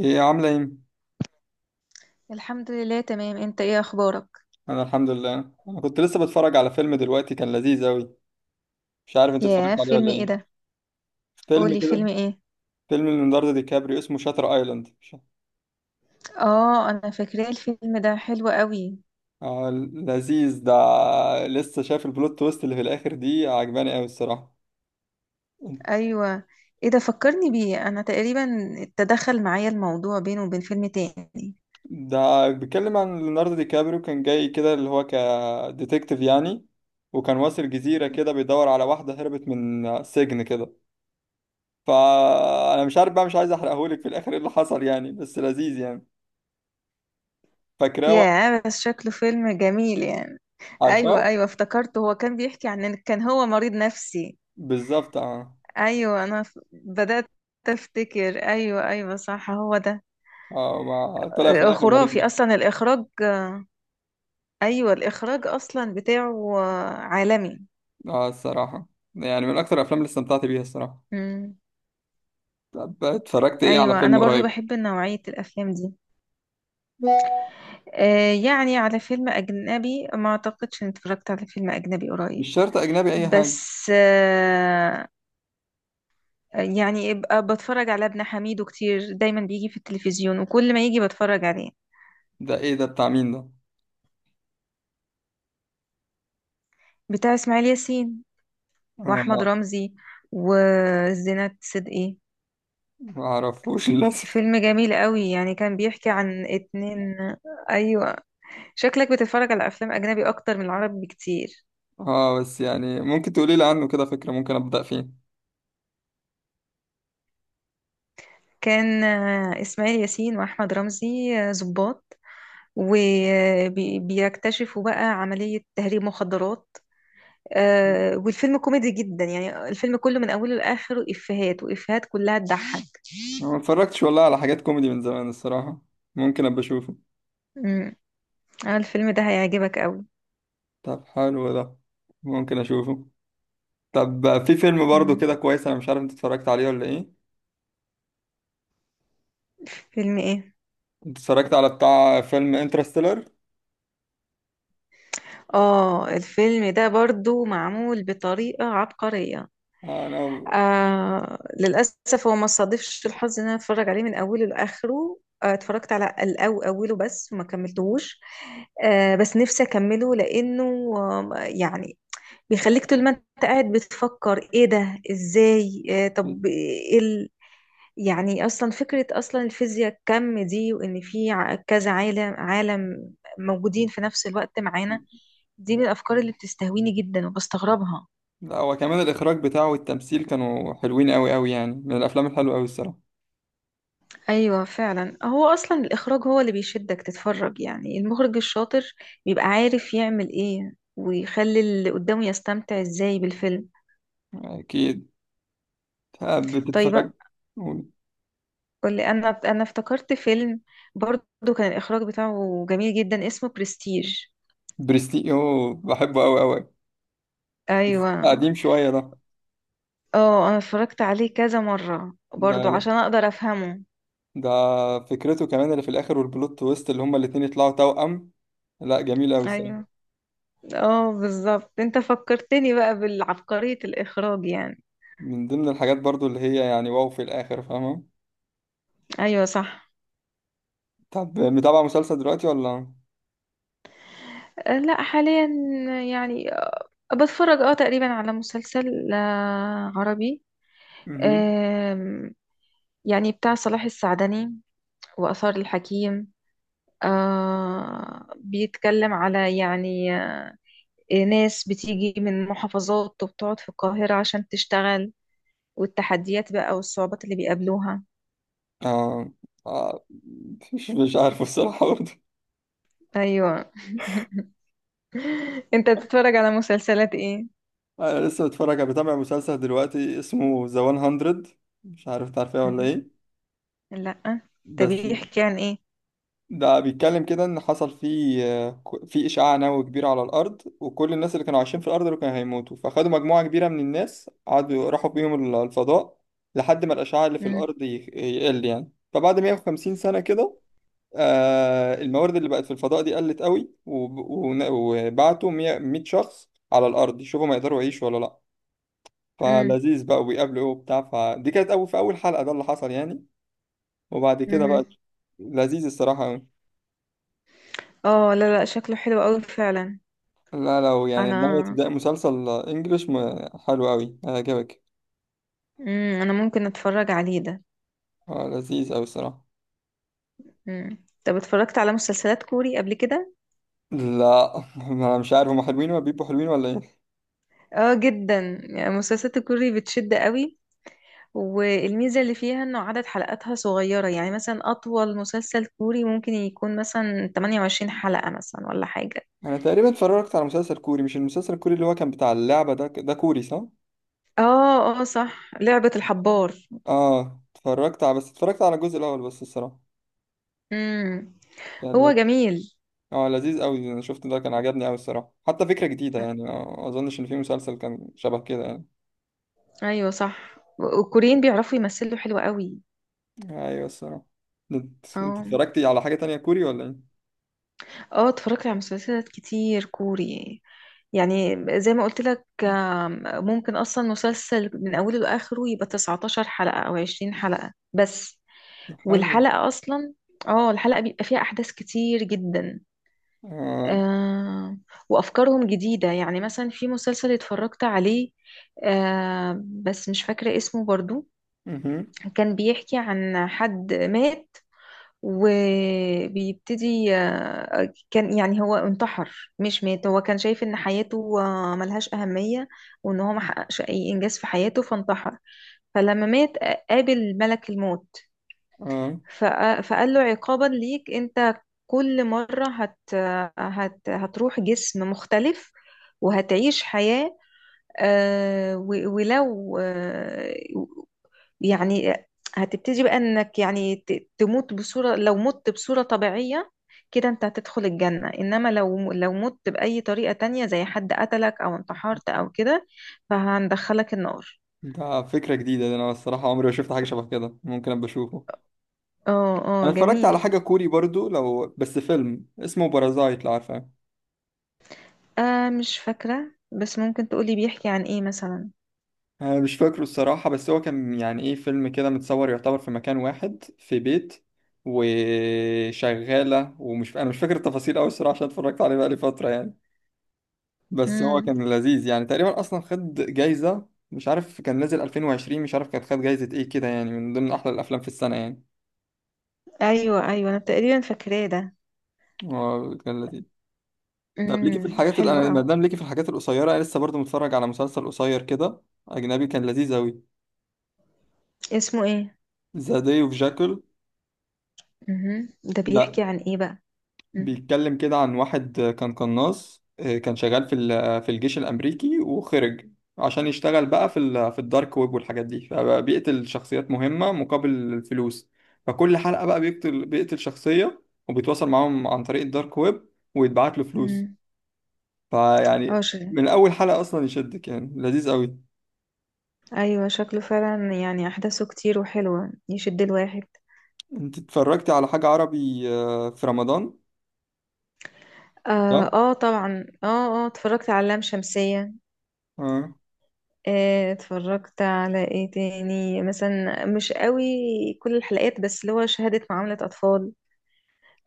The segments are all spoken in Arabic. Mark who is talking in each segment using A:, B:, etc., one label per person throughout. A: ايه عاملة ايه؟
B: الحمد لله تمام، انت ايه اخبارك؟
A: انا الحمد لله. انا كنت لسه بتفرج على فيلم دلوقتي، كان لذيذ اوي. مش عارف انت اتفرجت
B: ياه،
A: عليه
B: فيلم
A: ولا
B: ايه
A: ايه.
B: ده؟
A: فيلم
B: قولي
A: كده.
B: فيلم ايه.
A: فيلم ليوناردو دي كابريو اسمه شاتر ايلاند،
B: اه انا فاكراه، الفيلم ده حلو قوي.
A: آه لذيذ ده. لسه شايف البلوت تويست اللي في الاخر دي، عجباني اوي الصراحة.
B: ايوه، ايه ده فكرني بيه انا تقريبا. تدخل معايا الموضوع بينه وبين فيلم تاني.
A: ده بيتكلم عن ليوناردو دي كابريو، كان جاي كده اللي هو كديتكتيف يعني. وكان واصل جزيرة كده بيدور على واحدة هربت من سجن كده. فانا مش عارف بقى، مش عايز احرقهولك في الاخر ايه اللي حصل يعني، بس لذيذ يعني. فاكراه.
B: ياه بس شكله فيلم جميل يعني. ايوه
A: عارفاه.
B: افتكرته هو كان بيحكي عن ان كان هو مريض نفسي.
A: بالظبط، اه.
B: ايوه انا بدأت افتكر. ايوه صح هو ده.
A: اه، ما طلع في الاخر مريض
B: خرافي
A: نفسي.
B: اصلا الاخراج. ايوه الاخراج اصلا بتاعه عالمي.
A: اه الصراحه. يعني من اكتر الافلام اللي استمتعت بيها الصراحه.
B: مم.
A: طب اتفرجت ايه على
B: ايوه
A: فيلم
B: انا برضو
A: قريب؟
B: بحب نوعيه الافلام دي. يعني على فيلم اجنبي، ما اعتقدش اني اتفرجت على فيلم اجنبي قريب.
A: مش شرط اجنبي، اي حاجه.
B: بس يعني ابقى بتفرج على ابن حميدو كتير، دايما بيجي في التلفزيون وكل ما يجي بتفرج عليه.
A: ده ايه ده، بتاع مين ده؟
B: بتاع اسماعيل ياسين واحمد
A: اه،
B: رمزي وزينات صدقي.
A: ما اعرفوش للاسف.
B: فيلم جميل قوي يعني، كان بيحكي عن اتنين. ايوه، شكلك بتتفرج على افلام اجنبي اكتر من العربي بكتير.
A: اه بس يعني ممكن تقولي لي عنه كده فكره، ممكن ابدا فيه.
B: كان إسماعيل ياسين وأحمد رمزي ضباط، وبيكتشفوا بقى عملية تهريب مخدرات. والفيلم كوميدي جدا، يعني الفيلم كله من أوله لآخره إفيهات وإفيهات كلها تضحك.
A: أنا ما اتفرجتش والله على حاجات كوميدي من زمان الصراحه. ممكن ابقى اشوفه.
B: مم. الفيلم ده هيعجبك قوي.
A: طب حلو ده. ممكن اشوفه. طب في فيلم برضه
B: مم.
A: كده كويس، انا مش عارف انت اتفرجت عليه ولا ايه.
B: فيلم إيه؟
A: انت اتفرجت على بتاع فيلم انترستيلر؟
B: آه الفيلم ده برضو معمول بطريقة عبقرية.
A: آه، انا.
B: آه للأسف هو ما صادفش الحظ إن أنا أتفرج عليه من أوله لآخره، آه اتفرجت على أوله بس وما كملتهوش. آه بس نفسي أكمله لأنه يعني بيخليك طول ما أنت قاعد بتفكر إيه ده إزاي. آه طب إيه يعني أصلا فكرة، أصلا الفيزياء الكم دي، وإن في كذا عالم موجودين في نفس الوقت معانا، دي من الأفكار اللي بتستهويني جدا وبستغربها.
A: لا، هو كمان الاخراج بتاعه والتمثيل كانوا حلوين قوي قوي يعني، من الافلام الحلوه قوي الصراحه.
B: ايوه فعلا، هو اصلا الاخراج هو اللي بيشدك تتفرج، يعني المخرج الشاطر بيبقى عارف يعمل ايه ويخلي اللي قدامه يستمتع ازاي بالفيلم.
A: اكيد.
B: طيب
A: بتتفرج.
B: بقى، قولي، انا افتكرت فيلم برضو كان الاخراج بتاعه جميل جدا، اسمه برستيج.
A: برستيج، اوه بحبه قوي قوي.
B: ايوه.
A: قديم شويه ده
B: اه انا اتفرجت عليه كذا مرة
A: ده
B: برضو
A: لا.
B: عشان اقدر افهمه.
A: ده فكرته كمان اللي في الاخر، والبلوت تويست اللي هما الاتنين يطلعوا توأم. لا جميل قوي الصراحه.
B: ايوه. اه بالظبط، انت فكرتني بقى بالعبقرية الاخراج يعني.
A: من ضمن الحاجات برضو اللي هي يعني واو في الاخر، فاهمه.
B: ايوه صح.
A: طب متابع مسلسل دلوقتي ولا؟
B: لا حاليا يعني بتفرج اه تقريبا على مسلسل عربي.
A: مهم.
B: آم، يعني بتاع صلاح السعدني وآثار الحكيم. بيتكلم على يعني ناس بتيجي من محافظات وبتقعد في القاهرة عشان تشتغل، والتحديات بقى والصعوبات اللي بيقابلوها.
A: اه. آه، مش عارف الصراحة برضه.
B: ايوه. انت بتتفرج على مسلسلات ايه؟
A: آه، أنا لسه متفرج بتابع مسلسل دلوقتي اسمه ذا 100. مش عارف تعرفيه ولا
B: مهم.
A: إيه.
B: لا. طب
A: بس.
B: بيحكي عن ايه؟
A: ده بيتكلم كده إن حصل فيه، في إشعاع نووي كبير على الأرض، وكل الناس اللي كانوا عايشين في الأرض دول كانوا هيموتوا، فخدوا مجموعة كبيرة من الناس قعدوا راحوا بيهم الفضاء لحد ما الأشعاع اللي في
B: مم.
A: الأرض يقل يعني. فبعد 150 سنة كده، الموارد اللي بقت في الفضاء دي قلت قوي، وبعتوا 100 100 شخص على الارض يشوفوا ما يقدروا يعيشوا ولا لا.
B: مم.
A: فلذيذ بقى، وبيقابلوا ايه وبتاع. فدي كانت اول في اول حلقة، ده اللي حصل يعني. وبعد كده
B: مهم.
A: بقى، لذيذ الصراحة قوي.
B: اه لا لا، شكله حلو قوي فعلا.
A: لا، لو يعني ناوي
B: انا،
A: تبدأ مسلسل انجليش حلو قوي، هيعجبك.
B: امم، انا ممكن اتفرج عليه ده.
A: آه، لذيذ قوي الصراحة.
B: امم، طب اتفرجت على مسلسلات كوري قبل كده؟
A: لا انا مش عارف هما حلوين ولا بيبقوا حلوين ولا ايه.
B: اه جدا، يعني مسلسلات الكوري بتشد قوي، والميزة اللي فيها انه عدد حلقاتها صغيرة، يعني مثلا اطول مسلسل كوري ممكن يكون مثلا 28 حلقة مثلا ولا حاجة.
A: انا تقريبا اتفرجت على مسلسل كوري. مش المسلسل الكوري اللي هو كان بتاع اللعبة ده كوري، صح؟
B: اه اه صح، لعبة الحبار.
A: اه اتفرجت على، بس اتفرجت على الجزء الاول بس الصراحه.
B: امم.
A: كان
B: هو
A: لذ-
B: جميل.
A: اه لذيذ قوي. انا شفت ده كان عجبني قوي الصراحه، حتى فكره جديده يعني. ما اظنش ان في مسلسل كان شبه كده يعني.
B: ايوه صح، والكوريين بيعرفوا يمثلوا حلو قوي.
A: ايوه الصراحه. انت
B: اه.
A: اتفرجتي على حاجه تانية كوري ولا ايه؟
B: اه اتفرجت على مسلسلات كتير كوري، يعني زي ما قلت لك، ممكن اصلا مسلسل من اوله لاخره يبقى 19 حلقة او 20 حلقة بس.
A: ده حلو.
B: والحلقة اصلا، اه الحلقة بيبقى فيها احداث كتير جدا.
A: اه.
B: آه، وافكارهم جديدة. يعني مثلا في مسلسل اتفرجت عليه، آه بس مش فاكرة اسمه برضو،
A: مهم.
B: كان بيحكي عن حد مات وبيبتدي. كان يعني هو انتحر مش مات، هو كان شايف ان حياته ملهاش أهمية، وان هو محققش اي انجاز في حياته فانتحر. فلما مات قابل ملك الموت،
A: اه.
B: فقال له عقابا ليك انت، كل مرة هت هت هتروح جسم مختلف وهتعيش حياة. ولو، يعني هتبتدي بقى انك يعني تموت بصورة، لو مت بصورة طبيعية كده انت هتدخل الجنة، انما لو مت بأي طريقة تانية زي حد قتلك او انتحرت او كده فهندخلك النار.
A: ده فكره جديده ده، انا الصراحه عمري ما شفت حاجه شبه كده. ممكن ابقى اشوفه.
B: اه اه
A: انا اتفرجت
B: جميل.
A: على حاجه كوري برضو، لو بس فيلم اسمه بارازايت، لو عارفه.
B: آه مش فاكرة، بس ممكن تقولي بيحكي عن ايه مثلا.
A: أنا مش فاكره الصراحة، بس هو كان يعني إيه، فيلم كده متصور يعتبر في مكان واحد في بيت، وشغالة. أنا مش فاكر التفاصيل أوي الصراحة، عشان اتفرجت عليه بقالي فترة يعني. بس هو
B: امم،
A: كان لذيذ يعني، تقريبا أصلا خد جايزة. مش عارف كان نازل 2020، مش عارف كانت خد جايزة إيه كده يعني، من ضمن أحلى الأفلام في السنة يعني.
B: ايوه انا تقريبا فاكراه ده.
A: هو كان لذيذ. طب ليكي
B: امم،
A: في الحاجات اللي
B: حلو
A: أنا، ما
B: قوي.
A: دام ليكي في الحاجات القصيرة، أنا لسه برضه متفرج على مسلسل قصير كده أجنبي، كان لذيذ أوي.
B: اسمه ايه؟
A: ذا داي أوف جاكل.
B: امم، ده بيحكي
A: لا،
B: عن ايه بقى؟
A: بيتكلم كده عن واحد كان قناص، كان شغال في في الجيش الأمريكي وخرج عشان يشتغل بقى في في الدارك ويب والحاجات دي، فبيقتل شخصيات مهمة مقابل الفلوس. فكل حلقة بقى بيقتل شخصية، وبيتواصل معاهم عن طريق الدارك ويب، ويتبعت له فلوس.
B: مم. اه
A: فيعني
B: شيء.
A: من أول حلقة أصلا يشدك يعني، لذيذ قوي.
B: ايوه شكله فعلا يعني احداثه كتير وحلوه، يشد الواحد.
A: أنت اتفرجتي على حاجة عربي في رمضان؟
B: اه،
A: ده؟
B: آه طبعا، اه اه اتفرجت على لام شمسيه.
A: اه.
B: آه اتفرجت على ايه تاني مثلا، مش قوي كل الحلقات بس، اللي هو شهاده معامله اطفال.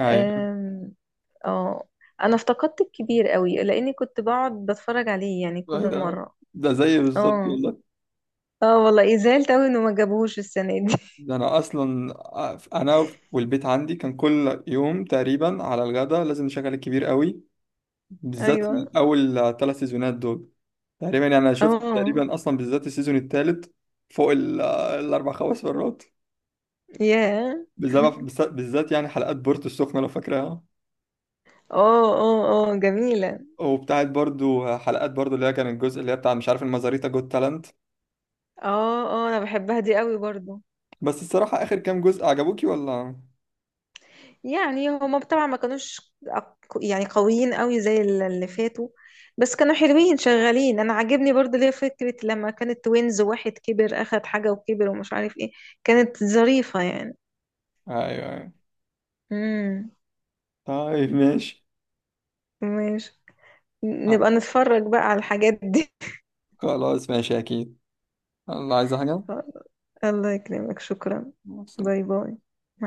A: أيوه
B: آم، اه. انا افتقدت الكبير قوي لاني كنت بقعد بتفرج عليه يعني كل
A: ده.
B: مره.
A: ده زي بالظبط.
B: اه. اه والله زعلت قوي انه ما جابوهوش السنه دي.
A: ده انا اصلا، انا والبيت عندي كان كل يوم تقريبا على الغدا لازم نشغل الكبير قوي، بالذات
B: ايوه.
A: اول 3 سيزونات دول. تقريبا يعني انا شفت
B: اه.
A: تقريبا اصلا بالذات السيزون الثالث فوق 4 5 مرات،
B: ياه.
A: بسبب بالذات يعني حلقات بورتو السخنه لو فاكراها،
B: اه اه اه جميلة.
A: وبتاعت برضو حلقات برضو اللي هي كان الجزء اللي هي بتاع مش عارف المزاريتا جوت تالنت.
B: اه اه انا بحبها دي قوي برضو.
A: بس الصراحه اخر كام جزء عجبوكي ولا؟
B: يعني هما طبعا ما كانوش أق- يعني قويين قوي زي اللي فاتوا، بس كانوا حلوين شغالين. انا عاجبني برضو ليه فكرة لما كانت توينز واحد كبر اخد حاجة وكبر ومش عارف ايه، كانت ظريفة يعني.
A: ايوه ايوه.
B: امم.
A: طيب ماشي.
B: ماشي، نبقى نتفرج بقى على الحاجات دي.
A: خلاص ماشي اكيد. الله، عايز حاجه؟
B: الله يكرمك، شكرا.
A: مع
B: باي
A: السلامة.
B: باي.